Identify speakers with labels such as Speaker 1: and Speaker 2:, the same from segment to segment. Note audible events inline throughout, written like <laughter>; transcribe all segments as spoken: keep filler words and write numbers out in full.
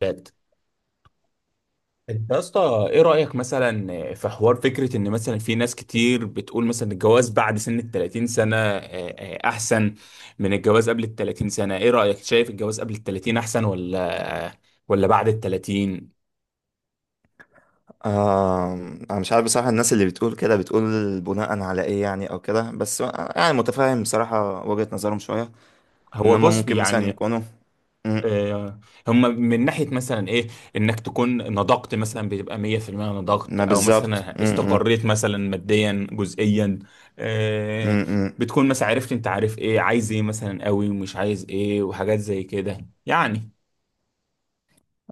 Speaker 1: بات. انت يا اسطى، ايه رايك مثلا في حوار فكره ان مثلا في ناس كتير بتقول مثلا الجواز بعد سن ال ثلاثين سنه آه، آه، احسن من الجواز قبل ال ثلاثين سنه؟ ايه رايك؟ شايف الجواز قبل ال ثلاثين احسن ولا آه، ولا بعد ال ثلاثين؟
Speaker 2: آه. انا مش عارف بصراحة. الناس اللي بتقول كده بتقول بناء على ايه يعني او كده بس. يعني متفاهم بصراحة وجهة نظرهم شوية ان
Speaker 1: هو
Speaker 2: هم
Speaker 1: بص،
Speaker 2: ممكن مثلا
Speaker 1: يعني
Speaker 2: يكونوا مم،
Speaker 1: آه، هم من ناحية مثلا ايه، انك تكون نضجت مثلا، بتبقى مية في المية نضجت
Speaker 2: ما
Speaker 1: او
Speaker 2: بالظبط،
Speaker 1: مثلا
Speaker 2: مم، مم،
Speaker 1: استقريت مثلا ماديا جزئيا. آه،
Speaker 2: مم، مم.
Speaker 1: بتكون مثلا عرفت انت عارف ايه عايز ايه مثلا قوي ومش عايز ايه وحاجات زي كده يعني.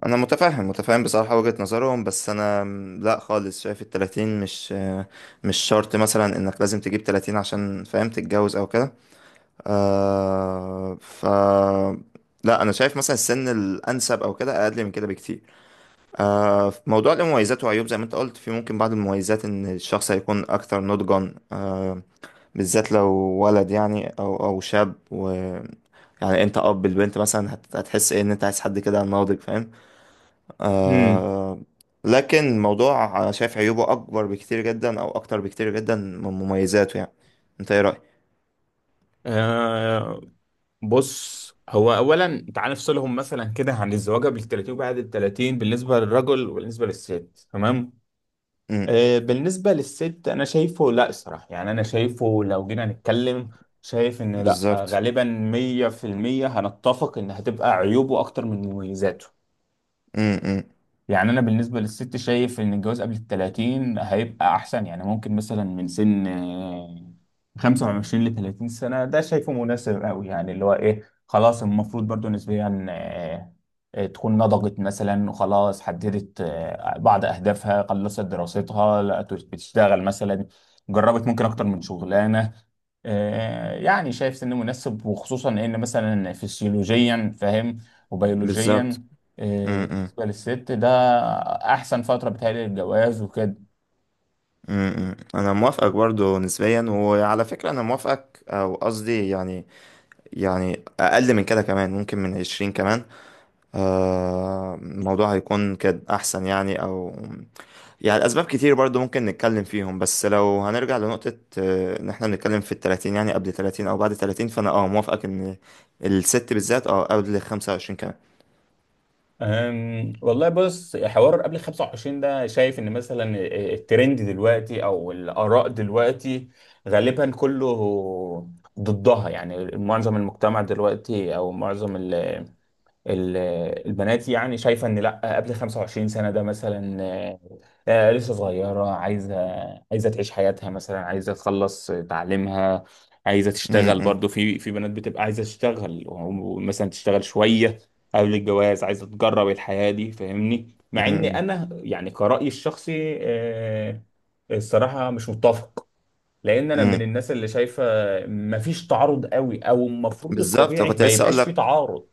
Speaker 2: انا متفاهم متفاهم بصراحة وجهة نظرهم بس انا مم، لا خالص، شايف التلاتين مش آه، مش شرط مثلا انك لازم تجيب تلاتين عشان فاهم تتجوز او كده. آه ف لا انا شايف مثلا السن الانسب او كده اقل من كده بكتير. آه، في موضوع المميزات وعيوب زي ما انت قلت، في ممكن بعض المميزات ان الشخص هيكون اكثر نضجا، آه، بالذات لو ولد يعني او او شاب، و يعني انت اب البنت مثلا هت- هتحس ايه ان انت عايز حد كده ناضج فاهم
Speaker 1: امم
Speaker 2: آه، لكن الموضوع انا شايف عيوبه اكبر بكتير جدا او اكتر بكتير جدا من مميزاته يعني. انت ايه رأيك؟
Speaker 1: آه بص، هو اولا تعال نفصلهم مثلا كده عن الزواج قبل ال ثلاثين وبعد ال ثلاثين، بالنسبة للرجل وبالنسبة للست. تمام،
Speaker 2: امم.
Speaker 1: آه، بالنسبة للست أنا شايفه، لأ صراحة، يعني أنا شايفه لو جينا نتكلم، شايف إن لأ،
Speaker 2: بالظبط.
Speaker 1: غالبا مية في المية هنتفق إن هتبقى عيوبه أكتر من مميزاته.
Speaker 2: امم.
Speaker 1: يعني انا بالنسبه للست شايف ان الجواز قبل ال ثلاثين هيبقى احسن، يعني ممكن مثلا من سن آه، خمسة وعشرين ل ثلاثين سنه. ده شايفه مناسب قوي، يعني اللي هو ايه، خلاص المفروض برضو نسبيا آه، آه، تكون نضجت مثلا وخلاص حددت آه، بعض اهدافها، خلصت دراستها، لقت بتشتغل مثلا، جربت ممكن اكتر من شغلانه. آه، يعني شايف سن مناسب، وخصوصا ان مثلا فسيولوجيا فاهم،
Speaker 2: بالظبط.
Speaker 1: وبيولوجيا. آه،
Speaker 2: امم.
Speaker 1: بالنسبة للست ده أحسن فترة بتهيألي للجواز وكده.
Speaker 2: امم. انا موافقك برضو نسبيا، وعلى فكرة انا موافقك او قصدي يعني يعني اقل من كده كمان ممكن من عشرين كمان. آه، الموضوع هيكون كده احسن يعني. او يعني الاسباب كتير برضو ممكن نتكلم فيهم، بس لو هنرجع لنقطة آه، ان احنا بنتكلم في التلاتين يعني قبل تلاتين او بعد تلاتين، فانا اه موافقك ان الست بالذات اه قبل خمسة وعشرين كمان.
Speaker 1: أم، والله بص، حوار قبل خمس وعشرين ده شايف ان مثلا الترند دلوقتي او الاراء دلوقتي غالبا كله ضدها، يعني معظم المجتمع دلوقتي او معظم ال- ال- البنات يعني شايفة ان لا قبل خمسة وعشرين سنة ده مثلا آه، آه، لسه صغيرة، عايزة عايزة تعيش حياتها، مثلا عايزة تخلص تعليمها، عايزة
Speaker 2: م-
Speaker 1: تشتغل
Speaker 2: م-
Speaker 1: برضو، في في بنات بتبقى عايزة تشتغل ومثلا تشتغل شوية قبل الجواز، عايزة تجرب الحياة دي فاهمني؟ مع ان
Speaker 2: م-
Speaker 1: انا يعني كرأيي الشخصي، آه، الصراحة مش متفق، لان انا من
Speaker 2: م-
Speaker 1: الناس اللي شايفة مفيش تعارض قوي، او المفروض
Speaker 2: بالظبط.
Speaker 1: الطبيعي
Speaker 2: كنت
Speaker 1: ما
Speaker 2: لسه اقول
Speaker 1: يبقاش في
Speaker 2: لك،
Speaker 1: تعارض.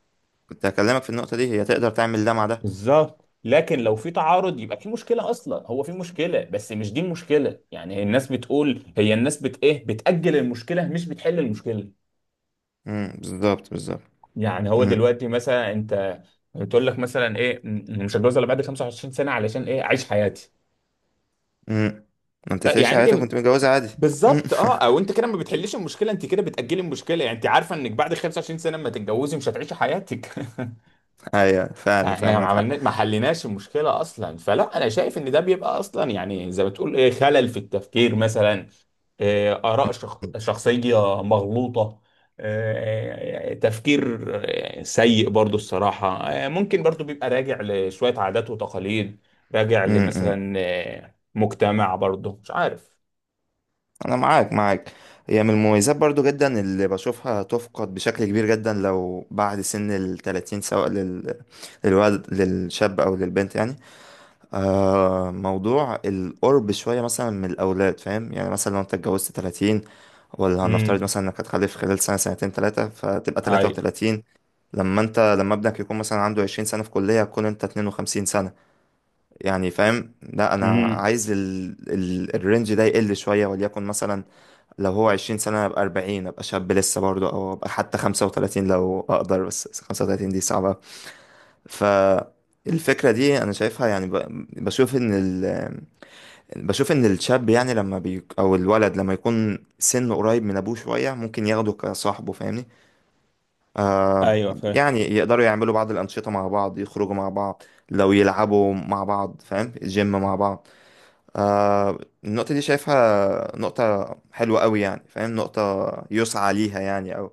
Speaker 2: كنت هكلمك في النقطة دي، هي تقدر تعمل ده مع ده.
Speaker 1: بالظبط، لكن لو في تعارض يبقى في مشكله اصلا، هو في مشكله بس مش دي المشكله، يعني الناس بتقول، هي الناس بت ايه، بتاجل المشكله مش بتحل المشكله.
Speaker 2: م، بالظبط، بالظبط.
Speaker 1: يعني هو
Speaker 2: م-
Speaker 1: دلوقتي مثلا انت بتقول لك مثلا ايه م- مش هتجوز الا بعد خمسة وعشرين سنه علشان ايه، اعيش حياتي.
Speaker 2: م. ما انت
Speaker 1: ف-
Speaker 2: تعيش
Speaker 1: يعني
Speaker 2: حياتك
Speaker 1: انت
Speaker 2: وانت متجوزة عادي. م.
Speaker 1: بالظبط،
Speaker 2: <laughs>
Speaker 1: اه او انت كده ما بتحلش المشكله، انت كده بتاجلي المشكله. يعني انت عارفه انك بعد خمس وعشرين سنه ما تتجوزي مش هتعيشي حياتك. <laughs>
Speaker 2: ايوه فعلا،
Speaker 1: احنا ما
Speaker 2: فاهمك حق.
Speaker 1: عملنا، ما حليناش المشكله اصلا. فلا انا شايف ان ده بيبقى اصلا، يعني زي ما تقول ايه، خلل في التفكير مثلا، إيه اراء شخ... شخصيه مغلوطه، إيه تفكير إيه سيء برضو الصراحه، إيه ممكن برضو بيبقى راجع لشويه عادات وتقاليد، راجع
Speaker 2: امم. امم.
Speaker 1: لمثلا إيه مجتمع برضو مش عارف.
Speaker 2: انا معاك معاك. هي من المميزات برضو جدا اللي بشوفها تفقد بشكل كبير جدا لو بعد سن التلاتين، سواء لل... للولد، للشاب او للبنت يعني. آه موضوع القرب شوية مثلا من الاولاد فاهم يعني، مثلا لو انت اتجوزت تلاتين، ولا هنفترض
Speaker 1: امم
Speaker 2: مثلا انك هتخلف خلال سنة، سنتين، تلاتة، فتبقى تلاتة
Speaker 1: هاي.
Speaker 2: وتلاتين لما انت لما ابنك يكون مثلا عنده عشرين سنة في كلية، هتكون انت اتنين وخمسين سنة. يعني فاهم، لا انا
Speaker 1: امم
Speaker 2: عايز ال... ال... الرينج ده يقل شويه، وليكن مثلا لو هو عشرين سنة سنه ابقى اربعين، ابقى شاب لسه برضه. او ابقى حتى خمسة وتلاتين لو اقدر، بس خمسة وتلاتين دي صعبه. فالفكره دي انا شايفها يعني ب... بشوف ان ال... بشوف ان الشاب، يعني لما بي... او الولد لما يكون سنه قريب من ابوه شويه، ممكن ياخده كصاحبه فاهمني.
Speaker 1: ايوه فاهم.
Speaker 2: يعني يقدروا يعملوا بعض الانشطه مع بعض، يخرجوا مع بعض، لو يلعبوا مع بعض فاهم، جيم مع بعض. آه النقطة دي شايفها نقطة حلوة قوي يعني فاهم، نقطة يسعى ليها يعني، أو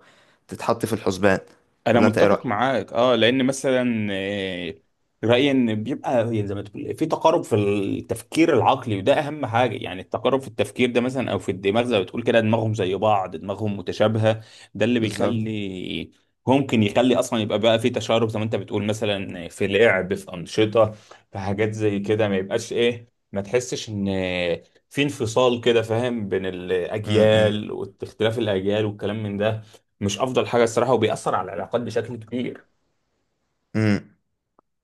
Speaker 2: تتحط في الحسبان.
Speaker 1: انا
Speaker 2: ولا أنت إيه
Speaker 1: متفق
Speaker 2: رأيك؟
Speaker 1: معاك، اه لان مثلا آه، رايي ان بيبقى هي زي ما تقول في تقارب في التفكير العقلي، وده اهم حاجه، يعني التقارب في التفكير ده مثلا او في الدماغ، زي ما بتقول كده، دماغهم زي بعض، دماغهم متشابهه. ده اللي
Speaker 2: بالظبط.
Speaker 1: بيخلي ممكن يخلي اصلا يبقى بقى في تشارب، زي ما انت بتقول مثلا في لعب، في انشطه، في حاجات زي كده، ما يبقاش ايه، ما تحسش ان في انفصال كده فاهم بين
Speaker 2: م- م-
Speaker 1: الاجيال، واختلاف الاجيال والكلام من ده، مش افضل حاجه الصراحه، وبيأثر على العلاقات بشكل كبير.
Speaker 2: م.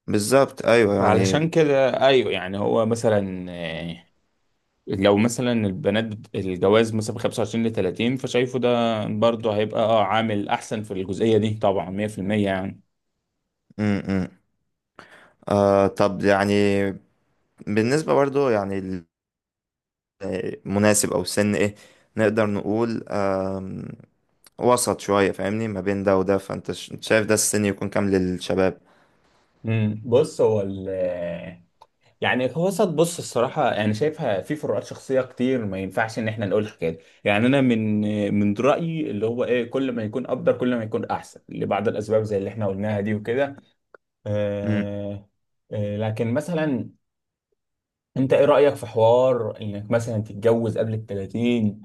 Speaker 2: بالظبط أيوه يعني.
Speaker 1: فعلشان
Speaker 2: م-
Speaker 1: كده، ايوه يعني هو مثلا آه، لو مثلا البنات بت- الجواز مثلا من خمسة وعشرين ل ثلاثين، فشايفه ده برضه هيبقى اه عامل احسن في الجزئيه دي، طبعا مية في المية يعني.
Speaker 2: م. آه طب يعني، بالنسبة برضو يعني المناسب أو السن إيه نقدر نقول؟ آم، وسط شوية فاهمني ما بين ده وده، فأنت ش- شايف ده السن يكون كام للشباب؟
Speaker 1: امم بص هو ال يعني هو صد بص الصراحة، أنا شايفها في فروقات شخصية كتير، ما ينفعش إن إحنا نقول الحكاية دي، يعني أنا من من رأيي اللي هو إيه، كل ما يكون أفضل كل ما يكون أحسن، لبعض الأسباب زي اللي إحنا قلناها دي وكده. آه، آه، لكن مثلا انت ايه رأيك في حوار انك مثلا تتجوز قبل ال ثلاثين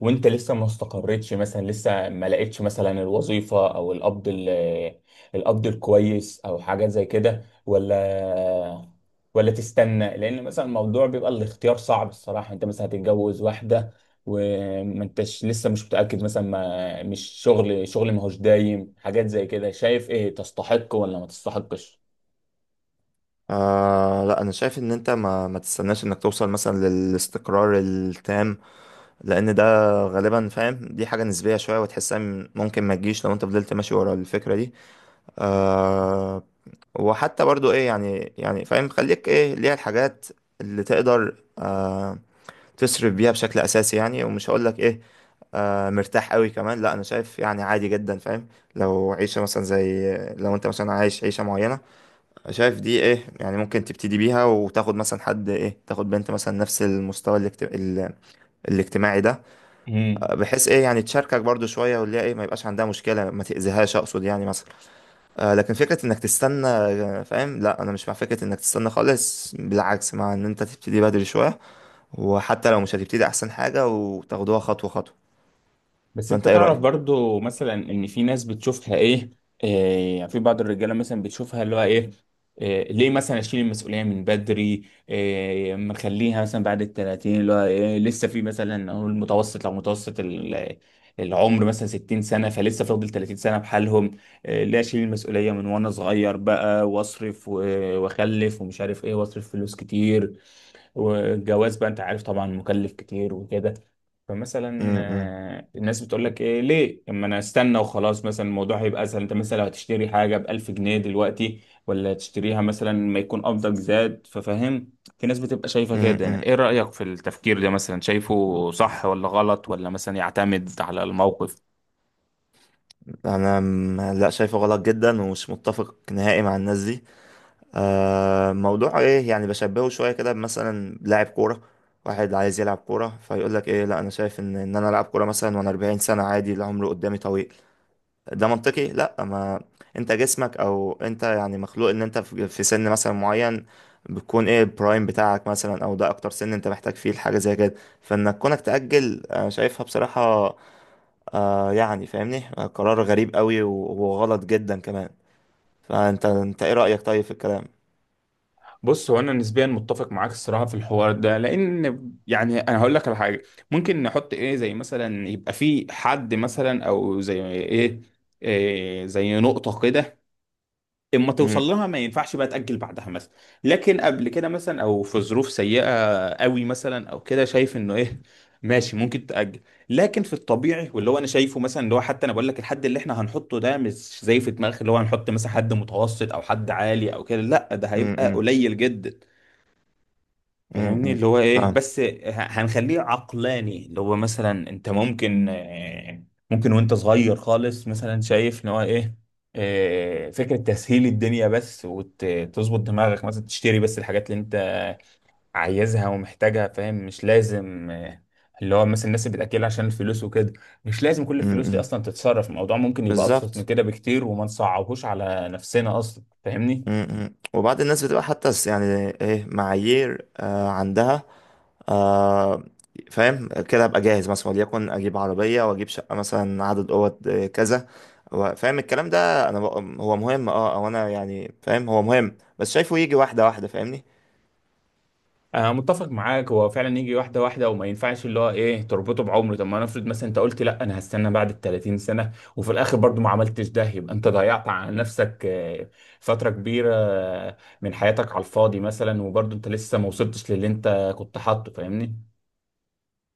Speaker 1: وانت لسه ما استقرتش مثلا، لسه ما لقيتش مثلا الوظيفة او القبض ال- القبض الكويس، او حاجات زي كده، ولا ولا تستنى، لان مثلا الموضوع بيبقى الاختيار صعب الصراحة. انت مثلا هتتجوز واحدة وما انتش لسه مش متأكد مثلا، ما مش شغل شغل ما هوش دايم، حاجات زي كده. شايف ايه، تستحق ولا ما تستحقش؟
Speaker 2: آه لا انا شايف ان انت ما ما تستناش انك توصل مثلا للاستقرار التام، لان ده غالبا فاهم دي حاجة نسبية شوية وتحسها م- ممكن ما تجيش لو انت فضلت ماشي ورا الفكرة دي آه وحتى برضو ايه يعني يعني فاهم خليك ايه ليها الحاجات اللي تقدر آه تصرف بيها بشكل اساسي يعني، ومش هقول لك ايه آه مرتاح قوي كمان. لا انا شايف يعني عادي جدا فاهم، لو عيشة مثلا زي لو انت مثلا عايش عيشة معينة شايف دي ايه يعني، ممكن تبتدي بيها وتاخد مثلا حد ايه، تاخد بنت مثلا نفس المستوى الاجت... ال- الاجتماعي ده،
Speaker 1: امم
Speaker 2: بحيث ايه يعني تشاركك برضو شوية، واللي هي ايه ما يبقاش عندها مشكلة، ما تأذيهاش اقصد يعني مثلا. آه لكن فكرة انك تستنى، آه، فاهم، لا انا مش مع فكرة انك تستنى خالص، بالعكس مع ان انت تبتدي بدري شوية، وحتى لو مش هتبتدي احسن حاجة وتاخدوها خطوة خطوة.
Speaker 1: بس
Speaker 2: ده
Speaker 1: انت
Speaker 2: انت ايه
Speaker 1: تعرف
Speaker 2: رأيك؟
Speaker 1: برضو مثلا ان في ناس بتشوفها ايه، إيه يعني في بعض الرجاله مثلا بتشوفها اللي هو ايه، إيه ليه مثلا اشيل المسؤوليه من بدري، إيه ما نخليها مثلا بعد ال ثلاثين اللي هو إيه لسه في مثلا، اقول متوسط، لو متوسط ال- العمر مثلا ستين سنه، فلسه فاضل ثلاثين سنه بحالهم. إيه ليه اشيل المسؤوليه من وانا صغير بقى، واصرف و- واخلف ومش عارف ايه واصرف فلوس كتير، والجواز بقى انت عارف طبعا مكلف كتير وكده. فمثلا
Speaker 2: امم.
Speaker 1: آه، الناس بتقول لك ايه ليه، اما انا استنى وخلاص، مثلا الموضوع هيبقى اسهل، انت مثلا لو هتشتري حاجه ب ألف جنيه دلوقتي، ولا تشتريها مثلا ما يكون قبضك زاد، ففاهم في ناس بتبقى شايفه كده يعني.
Speaker 2: امم.
Speaker 1: ايه رايك في التفكير ده مثلا؟ شايفه صح ولا غلط ولا مثلا يعتمد على الموقف؟
Speaker 2: انا م- لا شايفه غلط جدا ومش متفق نهائي مع الناس دي. آه موضوع ايه يعني، بشبهه شويه كده مثلا، لاعب كوره واحد عايز يلعب كوره فيقول لك ايه، لا انا شايف ان ان انا العب كوره مثلا وانا اربعين سنه عادي، العمر قدامي طويل، ده منطقي؟ لا. ما انت جسمك او انت يعني مخلوق ان انت في في سن مثلا معين بتكون ايه البرايم بتاعك مثلا، او ده اكتر سن انت محتاج فيه الحاجه زي كده. فانك كونك تاجل انا شايفها بصراحه، آه يعني فاهمني قرار غريب قوي و- وغلط جدا كمان. فانت انت ايه رايك طيب في الكلام؟
Speaker 1: بص هو انا نسبيا متفق معاك الصراحه في الحوار ده، لان يعني انا هقول لك على حاجه ممكن نحط ايه زي مثلا، يبقى في حد مثلا او زي ايه، إيه زي نقطه كده، اما توصل لها ما ينفعش بقى تاجل بعدها مثلا، لكن قبل كده مثلا او في ظروف سيئه قوي مثلا او كده شايف انه ايه، ماشي ممكن تاجل. لكن في الطبيعي، واللي هو انا شايفه مثلا اللي هو، حتى انا بقول لك الحد اللي احنا هنحطه ده مش زي في دماغك اللي هو هنحط مثلا حد متوسط او حد عالي او كده، لا ده هيبقى
Speaker 2: امم.
Speaker 1: قليل جدا. فاهمني؟
Speaker 2: امم.
Speaker 1: اللي هو ايه،
Speaker 2: فاهم.
Speaker 1: بس ه- هنخليه عقلاني، اللي هو مثلا انت ممكن آه، ممكن وانت صغير خالص مثلا شايف ان هو ايه، آه، فكرة تسهيل الدنيا بس، وتظبط دماغك مثلا تشتري بس الحاجات اللي انت عايزها ومحتاجها فاهم، مش لازم آه، اللي هو مثلا الناس اللي بتأكل عشان الفلوس وكده، مش لازم كل الفلوس دي
Speaker 2: امم.
Speaker 1: اصلا تتصرف، الموضوع ممكن يبقى ابسط من
Speaker 2: بالظبط.
Speaker 1: كده بكتير، وما نصعبهوش على نفسنا اصلا فاهمني.
Speaker 2: امم. وبعد الناس بتبقى حتى س- يعني ايه معايير آه عندها. آه فاهم كده ابقى جاهز مثلا وليكن اجيب عربيه واجيب شقه مثلا عدد اوض آه، كذا. و- فاهم الكلام ده انا بق- هو مهم اه او انا يعني فاهم هو مهم، بس شايفه يجي واحده واحده فاهمني.
Speaker 1: أنا متفق معاك، هو فعلا يجي واحدة واحدة، وما ينفعش اللي هو إيه تربطه بعمره. طب ما نفرض مثلا أنت قلت لأ أنا هستنى بعد ال ثلاثين سنة، وفي الآخر برضو ما عملتش ده، يبقى أنت ضيعت على نفسك آه، فترة كبيرة آه، من حياتك على الفاضي مثلا، وبرضو أنت لسه ما وصلتش للي أنت كنت حاطه، فاهمني؟